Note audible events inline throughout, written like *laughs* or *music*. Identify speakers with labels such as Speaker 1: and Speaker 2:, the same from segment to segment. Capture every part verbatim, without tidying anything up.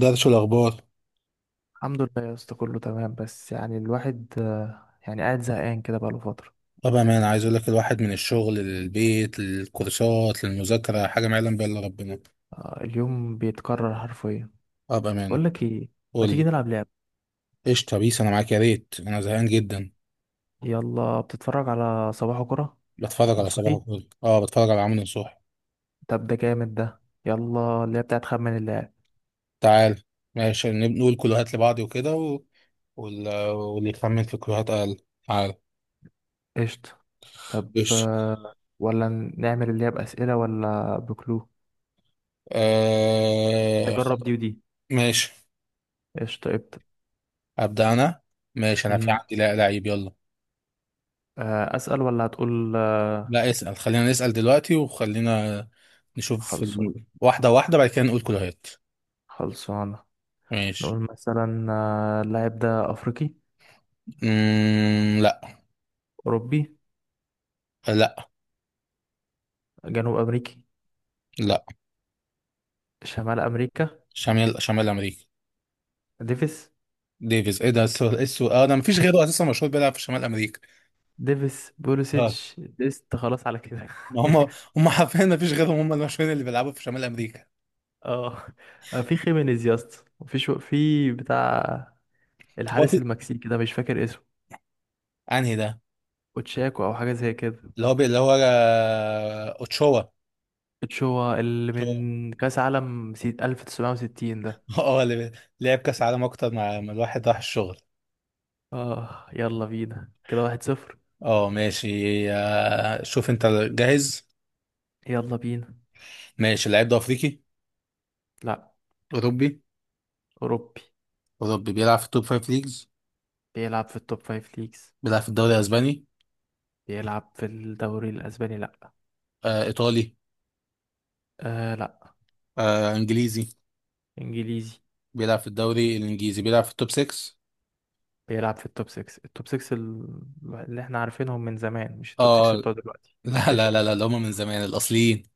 Speaker 1: درش الأخبار.
Speaker 2: الحمد لله يا اسطى، كله تمام، بس يعني الواحد آه، يعني قاعد زهقان كده بقاله فترة.
Speaker 1: طبعا أنا عايز أقول لك الواحد من الشغل للبيت للكورسات للمذاكرة حاجة ما يعلم بها إلا ربنا.
Speaker 2: آه، اليوم بيتكرر حرفيا.
Speaker 1: أه،
Speaker 2: بقول
Speaker 1: بأمانة.
Speaker 2: لك ايه؟ ما
Speaker 1: قول
Speaker 2: تيجي
Speaker 1: لي.
Speaker 2: نلعب لعبة؟
Speaker 1: قشطة، بيس أنا معاك، يا ريت أنا زهقان جدا.
Speaker 2: يلا، بتتفرج على صباح كرة؟
Speaker 1: بتفرج على صباح
Speaker 2: نصوحي.
Speaker 1: الفل، أه بتفرج على عمرو نصوح.
Speaker 2: طب ده جامد ده. يلا، اللي هي بتاعت خمن اللاعب.
Speaker 1: تعال. ماشي، نب- نقول كلوهات لبعض وكده و... وال... واللي يخمن في كلوهات أقل. تعال.
Speaker 2: قشطة. طب
Speaker 1: قشطة.
Speaker 2: آه، ولا نعمل اللي هي بأسئلة ولا بكلو؟
Speaker 1: آه...
Speaker 2: نجرب
Speaker 1: خل-
Speaker 2: دي ودي.
Speaker 1: ماشي.
Speaker 2: قشطة، ابدأ.
Speaker 1: أبدأ أنا. ماشي أنا في
Speaker 2: أمم،
Speaker 1: عندي لا لعيب، يلا.
Speaker 2: آه، أسأل ولا هتقول آه،
Speaker 1: لا اسأل، خلينا نسأل دلوقتي وخلينا نشوف
Speaker 2: خلصان.
Speaker 1: ال- واحدة واحدة بعد كده نقول كلهات.
Speaker 2: خلصانة.
Speaker 1: ماشي.
Speaker 2: نقول مثلا آه، اللاعب ده أفريقي؟
Speaker 1: مم... لا.
Speaker 2: أوروبي؟
Speaker 1: لا.
Speaker 2: جنوب امريكي؟
Speaker 1: لا
Speaker 2: شمال امريكا؟
Speaker 1: شمال شمال أمريكا.
Speaker 2: ديفيس؟
Speaker 1: ديفيز، ايه ده؟ السؤال ايه؟ السؤال اه ده مفيش غيره اساسا مشهور بيلعب في شمال أمريكا.
Speaker 2: ديفيس
Speaker 1: اه
Speaker 2: بوليسيتش ديست، خلاص على كده.
Speaker 1: ما هم، هم حرفيا مفيش غيرهم، هم المشهورين اللي بيلعبوا في شمال أمريكا.
Speaker 2: *laughs* اه. آه، في خيمينيز يا اسطى، وفي شو، في بتاع
Speaker 1: هو
Speaker 2: الحارس
Speaker 1: في.
Speaker 2: المكسيكي ده، مش فاكر اسمه.
Speaker 1: انهي ده؟
Speaker 2: اوتشاكو او حاجه زي كده.
Speaker 1: اللي هو بي... اللي هو آه، اوتشوا.
Speaker 2: اتشوا اللي
Speaker 1: أوتشوا.
Speaker 2: من كاس عالم سي- ألف تسعمية وستين ده.
Speaker 1: *laughs* اه اللي بي- لعب كأس عالم اكتر، مع مع الواحد راح الشغل.
Speaker 2: اه، يلا بينا، كده واحد صفر.
Speaker 1: اه ماشي. آه، شوف انت. جاهز؟
Speaker 2: يلا بينا.
Speaker 1: ماشي. اللاعب ده افريقي؟
Speaker 2: لا.
Speaker 1: أوروبي؟
Speaker 2: اوروبي.
Speaker 1: أوروبي بيلعب في التوب فايف ليجز؟
Speaker 2: بيلعب في التوب فايف ليجز.
Speaker 1: بيلعب في الدوري الأسباني؟
Speaker 2: بيلعب في الدوري الاسباني. لا.
Speaker 1: آه إيطالي؟
Speaker 2: آه لا.
Speaker 1: آه إنجليزي؟
Speaker 2: انجليزي.
Speaker 1: بيلعب في الدوري الإنجليزي، بيلعب في التوب ستة؟
Speaker 2: بيلعب في التوب سيكس. التوب سيكس ال- اللي احنا عارفينهم من زمان، مش التوب
Speaker 1: آه.
Speaker 2: سيكس
Speaker 1: *laughs*
Speaker 2: بتوع دلوقتي.
Speaker 1: لا لا
Speaker 2: قشطة.
Speaker 1: لا لا اللي هم من زمان الأصليين.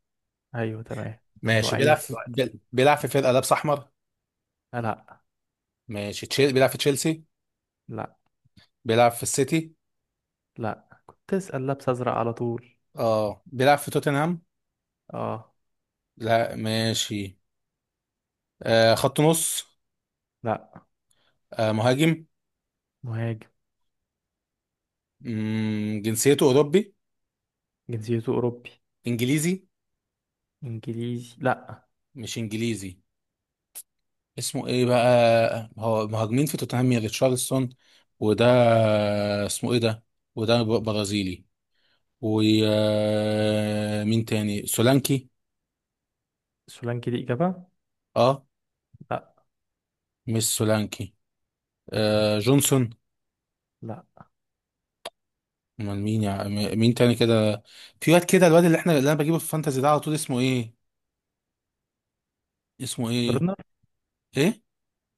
Speaker 2: ايوه تمام، بس
Speaker 1: ماشي، بيلعب
Speaker 2: واقعين
Speaker 1: في
Speaker 2: دلوقتي.
Speaker 1: بيل- بيلعب في فرقة لابس أحمر؟
Speaker 2: لا، لا،
Speaker 1: ماشي، تشيل بيلعب في تشيلسي؟
Speaker 2: لا،
Speaker 1: بيلعب في السيتي؟
Speaker 2: لا، كنت تسأل لابس ازرق على طول.
Speaker 1: آه بيلعب في توتنهام؟
Speaker 2: اه.
Speaker 1: لا ماشي. آه خط نص؟
Speaker 2: لا.
Speaker 1: آه مهاجم؟
Speaker 2: مهاجم.
Speaker 1: مم، جنسيته أوروبي؟
Speaker 2: جنسيته اوروبي.
Speaker 1: إنجليزي؟
Speaker 2: انجليزي، لا.
Speaker 1: مش إنجليزي. اسمه ايه بقى؟ هو مهاجمين في توتنهام، يا ريتشارلسون. وده، اسمه ايه ده؟ وده ب- برازيلي. ومين تاني، سولانكي؟
Speaker 2: سولانكي دي اجابة؟
Speaker 1: اه.
Speaker 2: لا.
Speaker 1: مش سولانكي. آه جونسون؟
Speaker 2: لا.
Speaker 1: امال مين؟ يا م- مين تاني كده؟ في واد كده، الواد اللي احنا اللي انا بجيبه في الفانتازي ده على طول، اسمه ايه؟ اسمه ايه؟
Speaker 2: فيرنر.
Speaker 1: ايه؟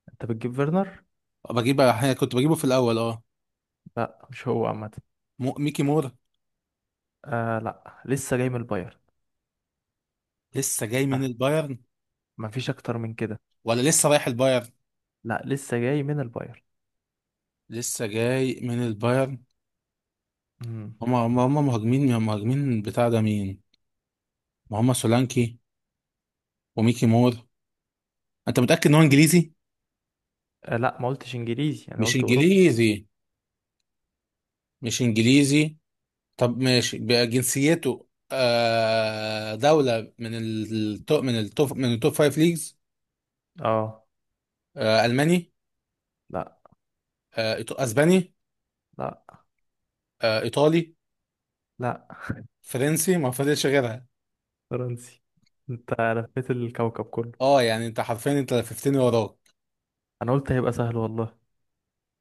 Speaker 2: انت بتجيب فيرنر؟
Speaker 1: بجيبه احيانا، كنت بجيبه في الاول اه.
Speaker 2: لا، مش هو عامة.
Speaker 1: مو- ميكي مور؟
Speaker 2: آه لا، لسه جاي من البايرن.
Speaker 1: لسه جاي
Speaker 2: آه.
Speaker 1: من البايرن؟
Speaker 2: مفيش اكتر من كده.
Speaker 1: ولا لسه رايح البايرن؟
Speaker 2: لا، لسه جاي من البايرن.
Speaker 1: لسه جاي من البايرن.
Speaker 2: مم.
Speaker 1: هما هما هما مهاجمين، يا مهاجمين بتاع ده مين؟ ما هما سولانكي وميكي مور. انت متأكد ان هو انجليزي؟
Speaker 2: آه لا، ما قلتش انجليزي، انا
Speaker 1: مش
Speaker 2: قلت اوروبي.
Speaker 1: انجليزي. مش انجليزي. طب ماشي بقى، جنسيته آه دولة من التوب، من التوب، من التوب فايف ليجز؟
Speaker 2: اه.
Speaker 1: آه الماني؟
Speaker 2: لا.
Speaker 1: آه إيط- اسباني؟
Speaker 2: لا.
Speaker 1: آه ايطالي؟
Speaker 2: لا.
Speaker 1: فرنسي، ما فضلش غيرها.
Speaker 2: فرنسي. انت لفيت الكوكب كله.
Speaker 1: اه يعني انت حرفيا انت لففتني وراك.
Speaker 2: انا قلت هيبقى سهل والله.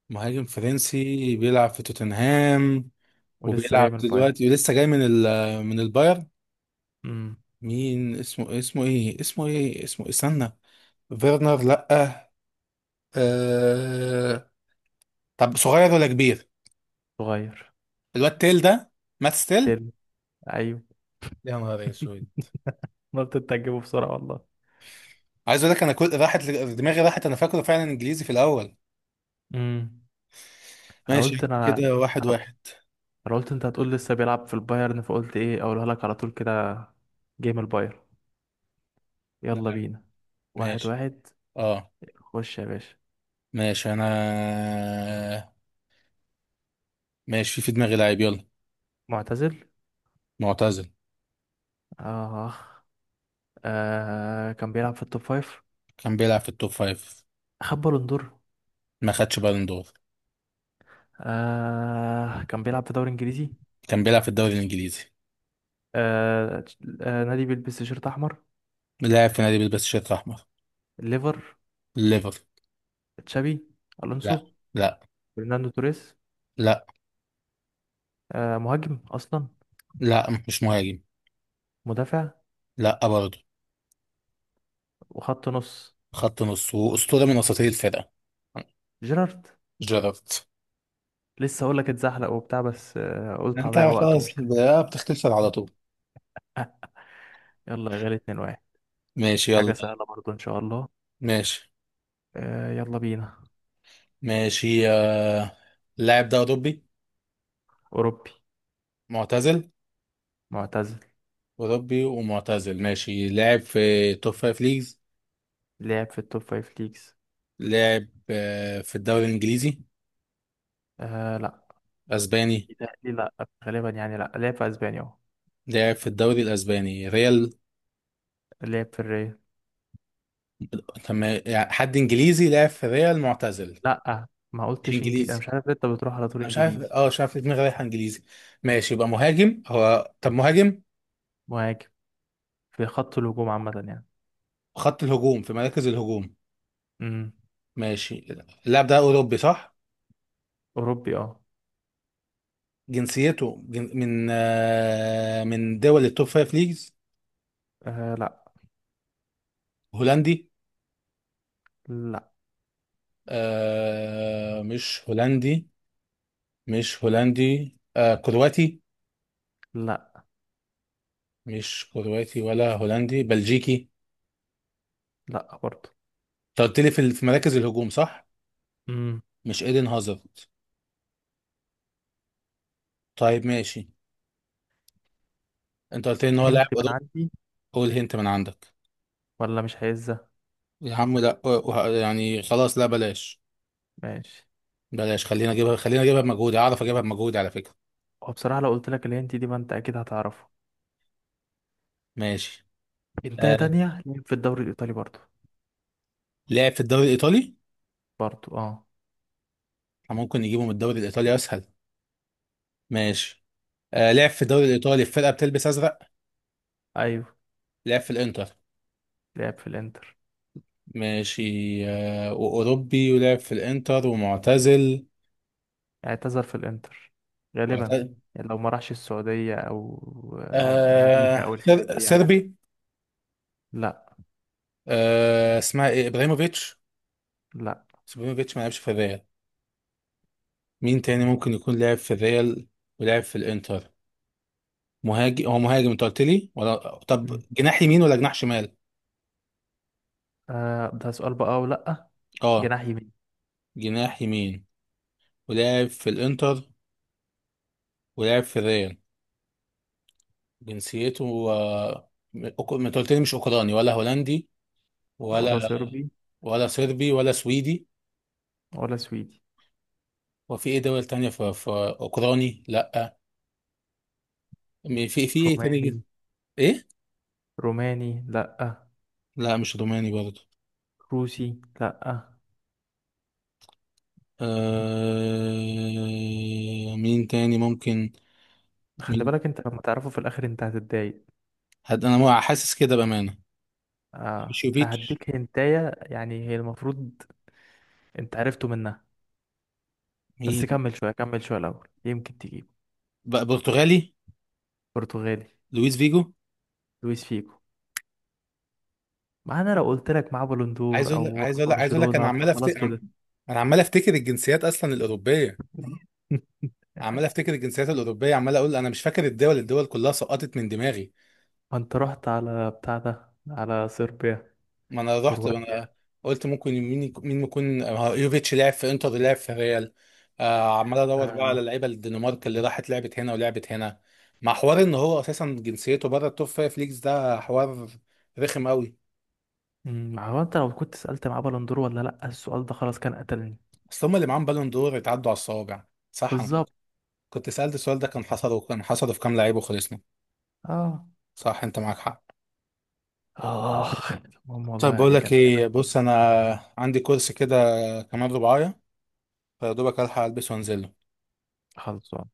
Speaker 1: مهاجم فرنسي بيلعب في توتنهام
Speaker 2: ولسه جاي
Speaker 1: وبيلعب
Speaker 2: من البايو.
Speaker 1: دلوقتي، ولسه جاي من ال- من البايرن.
Speaker 2: امم
Speaker 1: مين اسمه؟ اسمه ايه؟ اسمه ايه؟ اسمه ايه؟ استنى. فيرنر لأ. آه... طب صغير ولا كبير؟
Speaker 2: صغير.
Speaker 1: الواد تيل ده، مات ستيل.
Speaker 2: تل. ايوه.
Speaker 1: يا نهار اسود.
Speaker 2: أنا قلت انت هتجيبه بسرعه والله.
Speaker 1: عايز اقول لك انا كل راحت دماغي راحت. انا فاكره فعلا انجليزي في الاول.
Speaker 2: امم انا
Speaker 1: ماشي
Speaker 2: قلت
Speaker 1: يعني
Speaker 2: انا
Speaker 1: كده واحد
Speaker 2: انا
Speaker 1: واحد.
Speaker 2: انا قلت انت هتقول لسه بيلعب في البايرن، فقلت ايه اقولها لك على طول كده. جيم البايرن.
Speaker 1: لا
Speaker 2: يلا
Speaker 1: لا
Speaker 2: بينا. واحد
Speaker 1: ماشي.
Speaker 2: واحد
Speaker 1: اه
Speaker 2: خش يا باشا.
Speaker 1: ماشي انا. ماشي، في في دماغي لاعب يلا.
Speaker 2: معتزل.
Speaker 1: معتزل.
Speaker 2: آه. آه كان بيلعب في التوب فايف.
Speaker 1: كان بيلعب في التوب فايف.
Speaker 2: خد بالون دور.
Speaker 1: ما خدش بالون دور.
Speaker 2: آه كان بيلعب في دوري انجليزي.
Speaker 1: كان بيلعب في الدوري الانجليزي.
Speaker 2: آه تش- آه نادي بيلبس تيشيرت احمر.
Speaker 1: لاعب في نادي بيلبس شيرت احمر.
Speaker 2: ليفر.
Speaker 1: ليفر.
Speaker 2: تشابي. الونسو.
Speaker 1: لا. لا
Speaker 2: فرناندو توريس.
Speaker 1: لا
Speaker 2: آه مهاجم اصلا.
Speaker 1: لا مش مهاجم.
Speaker 2: مدافع.
Speaker 1: لا برضه.
Speaker 2: وخط نص.
Speaker 1: خط نص واسطوره من وسطيه الفرقه.
Speaker 2: جيرارد.
Speaker 1: جيرارد.
Speaker 2: لسه اقول لك اتزحلق وبتاع، بس آه قلت
Speaker 1: انت
Speaker 2: هضيع وقت ومش
Speaker 1: خلاص
Speaker 2: عارف
Speaker 1: بقى بتختلف على
Speaker 2: إيه.
Speaker 1: طول.
Speaker 2: *laughs* يلا يا غالي، اتنين واحد.
Speaker 1: ماشي
Speaker 2: حاجه
Speaker 1: يلا.
Speaker 2: سهله برضو ان شاء الله.
Speaker 1: ماشي.
Speaker 2: آه يلا بينا.
Speaker 1: ماشي. آه... اللاعب ده اوروبي؟
Speaker 2: اوروبي.
Speaker 1: معتزل؟
Speaker 2: معتزل.
Speaker 1: اوروبي ومعتزل ماشي. لاعب في توب فايف ليجز؟
Speaker 2: لعب في التوب فايف ليجز.
Speaker 1: لاعب آه... في الدوري الانجليزي؟
Speaker 2: آه لا.
Speaker 1: اسباني؟
Speaker 2: إيطالي، لا. غالبا يعني، لا، لعب في اسبانيا اهو.
Speaker 1: لاعب في الدوري الاسباني، ريال؟
Speaker 2: لعب في الريال.
Speaker 1: تم... يعني حد انجليزي لاعب في ريال معتزل؟
Speaker 2: لا. ما
Speaker 1: مش
Speaker 2: قلتش انجليزي، انا
Speaker 1: انجليزي.
Speaker 2: مش عارف ليه انت بتروح على طول
Speaker 1: انا مش عارف
Speaker 2: انجليزي.
Speaker 1: اه مش عارف ليه دماغي رايحه انجليزي. ماشي يبقى مهاجم هو؟ طب مهاجم؟
Speaker 2: مهاجم. في خط الهجوم عامة يعني.
Speaker 1: خط الهجوم، في مراكز الهجوم.
Speaker 2: امم
Speaker 1: ماشي. اللاعب ده اوروبي صح؟
Speaker 2: أوروبي، اه.
Speaker 1: جنسيته جن... من آه... من دول التوب فايف ليجز؟
Speaker 2: آه، لا.
Speaker 1: هولندي؟
Speaker 2: لا.
Speaker 1: آه... مش هولندي. مش هولندي. آه... كرواتي؟
Speaker 2: لا.
Speaker 1: مش كرواتي ولا هولندي. بلجيكي؟
Speaker 2: لا برضه.
Speaker 1: انت قلت لي في ال- في مراكز الهجوم صح؟
Speaker 2: امم
Speaker 1: مش ايدن هازارد؟ طيب ماشي. انت قلت لي ان هو
Speaker 2: هنت
Speaker 1: لاعب
Speaker 2: من
Speaker 1: اوروبي.
Speaker 2: عندي.
Speaker 1: قول هنت من عندك.
Speaker 2: ولا مش هيزة.
Speaker 1: يا عم لا وه- يعني خلاص لا بلاش.
Speaker 2: ماشي.
Speaker 1: بلاش، خلينا اجيبها، خلينا اجيبها بمجهودي، اعرف اجيبها بمجهودي على فكرة.
Speaker 2: هو بصراحة لو قلت لك الهنت دي، ما انت أكيد هتعرفه.
Speaker 1: ماشي.
Speaker 2: انتهى
Speaker 1: آه.
Speaker 2: تانية، لعب في الدوري الإيطالي برضه.
Speaker 1: لعب في الدوري الايطالي.
Speaker 2: برضه، اه.
Speaker 1: ممكن نجيبه من الدوري الايطالي اسهل. ماشي. آه. لعب في الدوري الايطالي في فرقة بتلبس ازرق؟
Speaker 2: أيوه.
Speaker 1: لعب في الانتر؟
Speaker 2: لعب في الإنتر.
Speaker 1: ماشي. آه. واوروبي ولعب في الانتر ومعتزل.
Speaker 2: اعتزل في الإنتر غالبا،
Speaker 1: وأعت-
Speaker 2: يعني لو ما راحش السعودية أو أمريكا
Speaker 1: آه.
Speaker 2: أو الحتت
Speaker 1: سر...
Speaker 2: دي يعني.
Speaker 1: سربي؟
Speaker 2: لا.
Speaker 1: آه. اسمها ايه، ابراهيموفيتش؟
Speaker 2: لا.
Speaker 1: بس ابراهيموفيتش ما لعبش في الريال. مين تاني ممكن يكون لعب في الريال ولعب في الانتر؟ مهاجم هو، مهاجم انت قلت لي؟ ولا طب
Speaker 2: مم.
Speaker 1: جناح يمين ولا جناح شمال؟
Speaker 2: آه ده سؤال بقى ولا لأ؟
Speaker 1: اه
Speaker 2: جناح يمين.
Speaker 1: جناح يمين. ولعب في الانتر ولعب في الريال. جنسيته آه، م- أوك- ما انت قلت لي مش اوكراني ولا هولندي،
Speaker 2: ولا
Speaker 1: ولا
Speaker 2: صربي.
Speaker 1: ولا صربي ولا سويدي.
Speaker 2: ولا سويدي.
Speaker 1: وفي ايه دول تانية؟ في, في اوكراني لا. م- في في ايه تاني جن-
Speaker 2: روماني.
Speaker 1: ايه؟
Speaker 2: روماني، لأ.
Speaker 1: لا مش روماني برضه.
Speaker 2: روسي، لأ.
Speaker 1: آه... مين تاني ممكن؟
Speaker 2: خلي
Speaker 1: مين؟
Speaker 2: بالك انت لما تعرفه في الاخر انت هتتضايق.
Speaker 1: هد... انا حاسس كده بامانه.
Speaker 2: آه.
Speaker 1: مش يوفيتش؟
Speaker 2: هديك هنتاية، يعني هي المفروض انت عرفته منها، بس
Speaker 1: مين؟
Speaker 2: كمل شوية كمل شوية الأول يمكن تجيبه.
Speaker 1: بقى برتغالي؟
Speaker 2: برتغالي.
Speaker 1: لويس فيجو.
Speaker 2: لويس فيجو. ما انا لو قلت لك معاه بالون
Speaker 1: عايز
Speaker 2: دور
Speaker 1: اقول
Speaker 2: او
Speaker 1: عايز
Speaker 2: راح
Speaker 1: اقول عايز اقول لك، انا
Speaker 2: برشلونة
Speaker 1: عمال
Speaker 2: فخلاص
Speaker 1: افتكر.
Speaker 2: كده.
Speaker 1: انا عمال افتكر الجنسيات اصلا الاوروبيه. عمال
Speaker 2: *laughs*
Speaker 1: افتكر الجنسيات الاوروبيه، عمال اقول انا مش فاكر الدول، الدول كلها سقطت من دماغي.
Speaker 2: ما انت رحت على بتاع ده، على صربيا،
Speaker 1: ما انا رحت ما
Speaker 2: كرواتيا.
Speaker 1: انا قلت ممكن مين يك- مين يكون، آه، يوفيتش لعب في انتر لعب في ريال. آه، عمال ادور بقى
Speaker 2: آه.
Speaker 1: على لعيبه الدنمارك اللي راحت لعبت هنا ولعبت هنا، مع حوار ان هو اساسا جنسيته بره التوب فايف ليجز. ده حوار رخم قوي.
Speaker 2: مم، ما هو انت لو كنت سألت معاه بالون دور ولا لأ، السؤال ده خلاص كان قتلني.
Speaker 1: اصل هم اللي معاهم بالون دور اتعدوا على الصوابع. صح؟
Speaker 2: بالظبط.
Speaker 1: كنت سألت السؤال ده كان حصل، كان حصل في كام لعيب وخلصنا.
Speaker 2: اه،
Speaker 1: صح، انت معاك حق.
Speaker 2: آخ، المهم
Speaker 1: طيب
Speaker 2: والله
Speaker 1: بقول
Speaker 2: يعني
Speaker 1: لك
Speaker 2: كانت لعبة
Speaker 1: ايه،
Speaker 2: لذيذة.
Speaker 1: بص انا عندي كورس كده كمان ربعاية، فيا دوبك الحق البس وانزله.
Speaker 2: خلصان.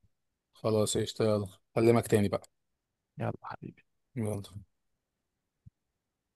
Speaker 1: خلاص قشطة يلا. اكلمك تاني بقى.
Speaker 2: يلا حبيبي.
Speaker 1: يلا.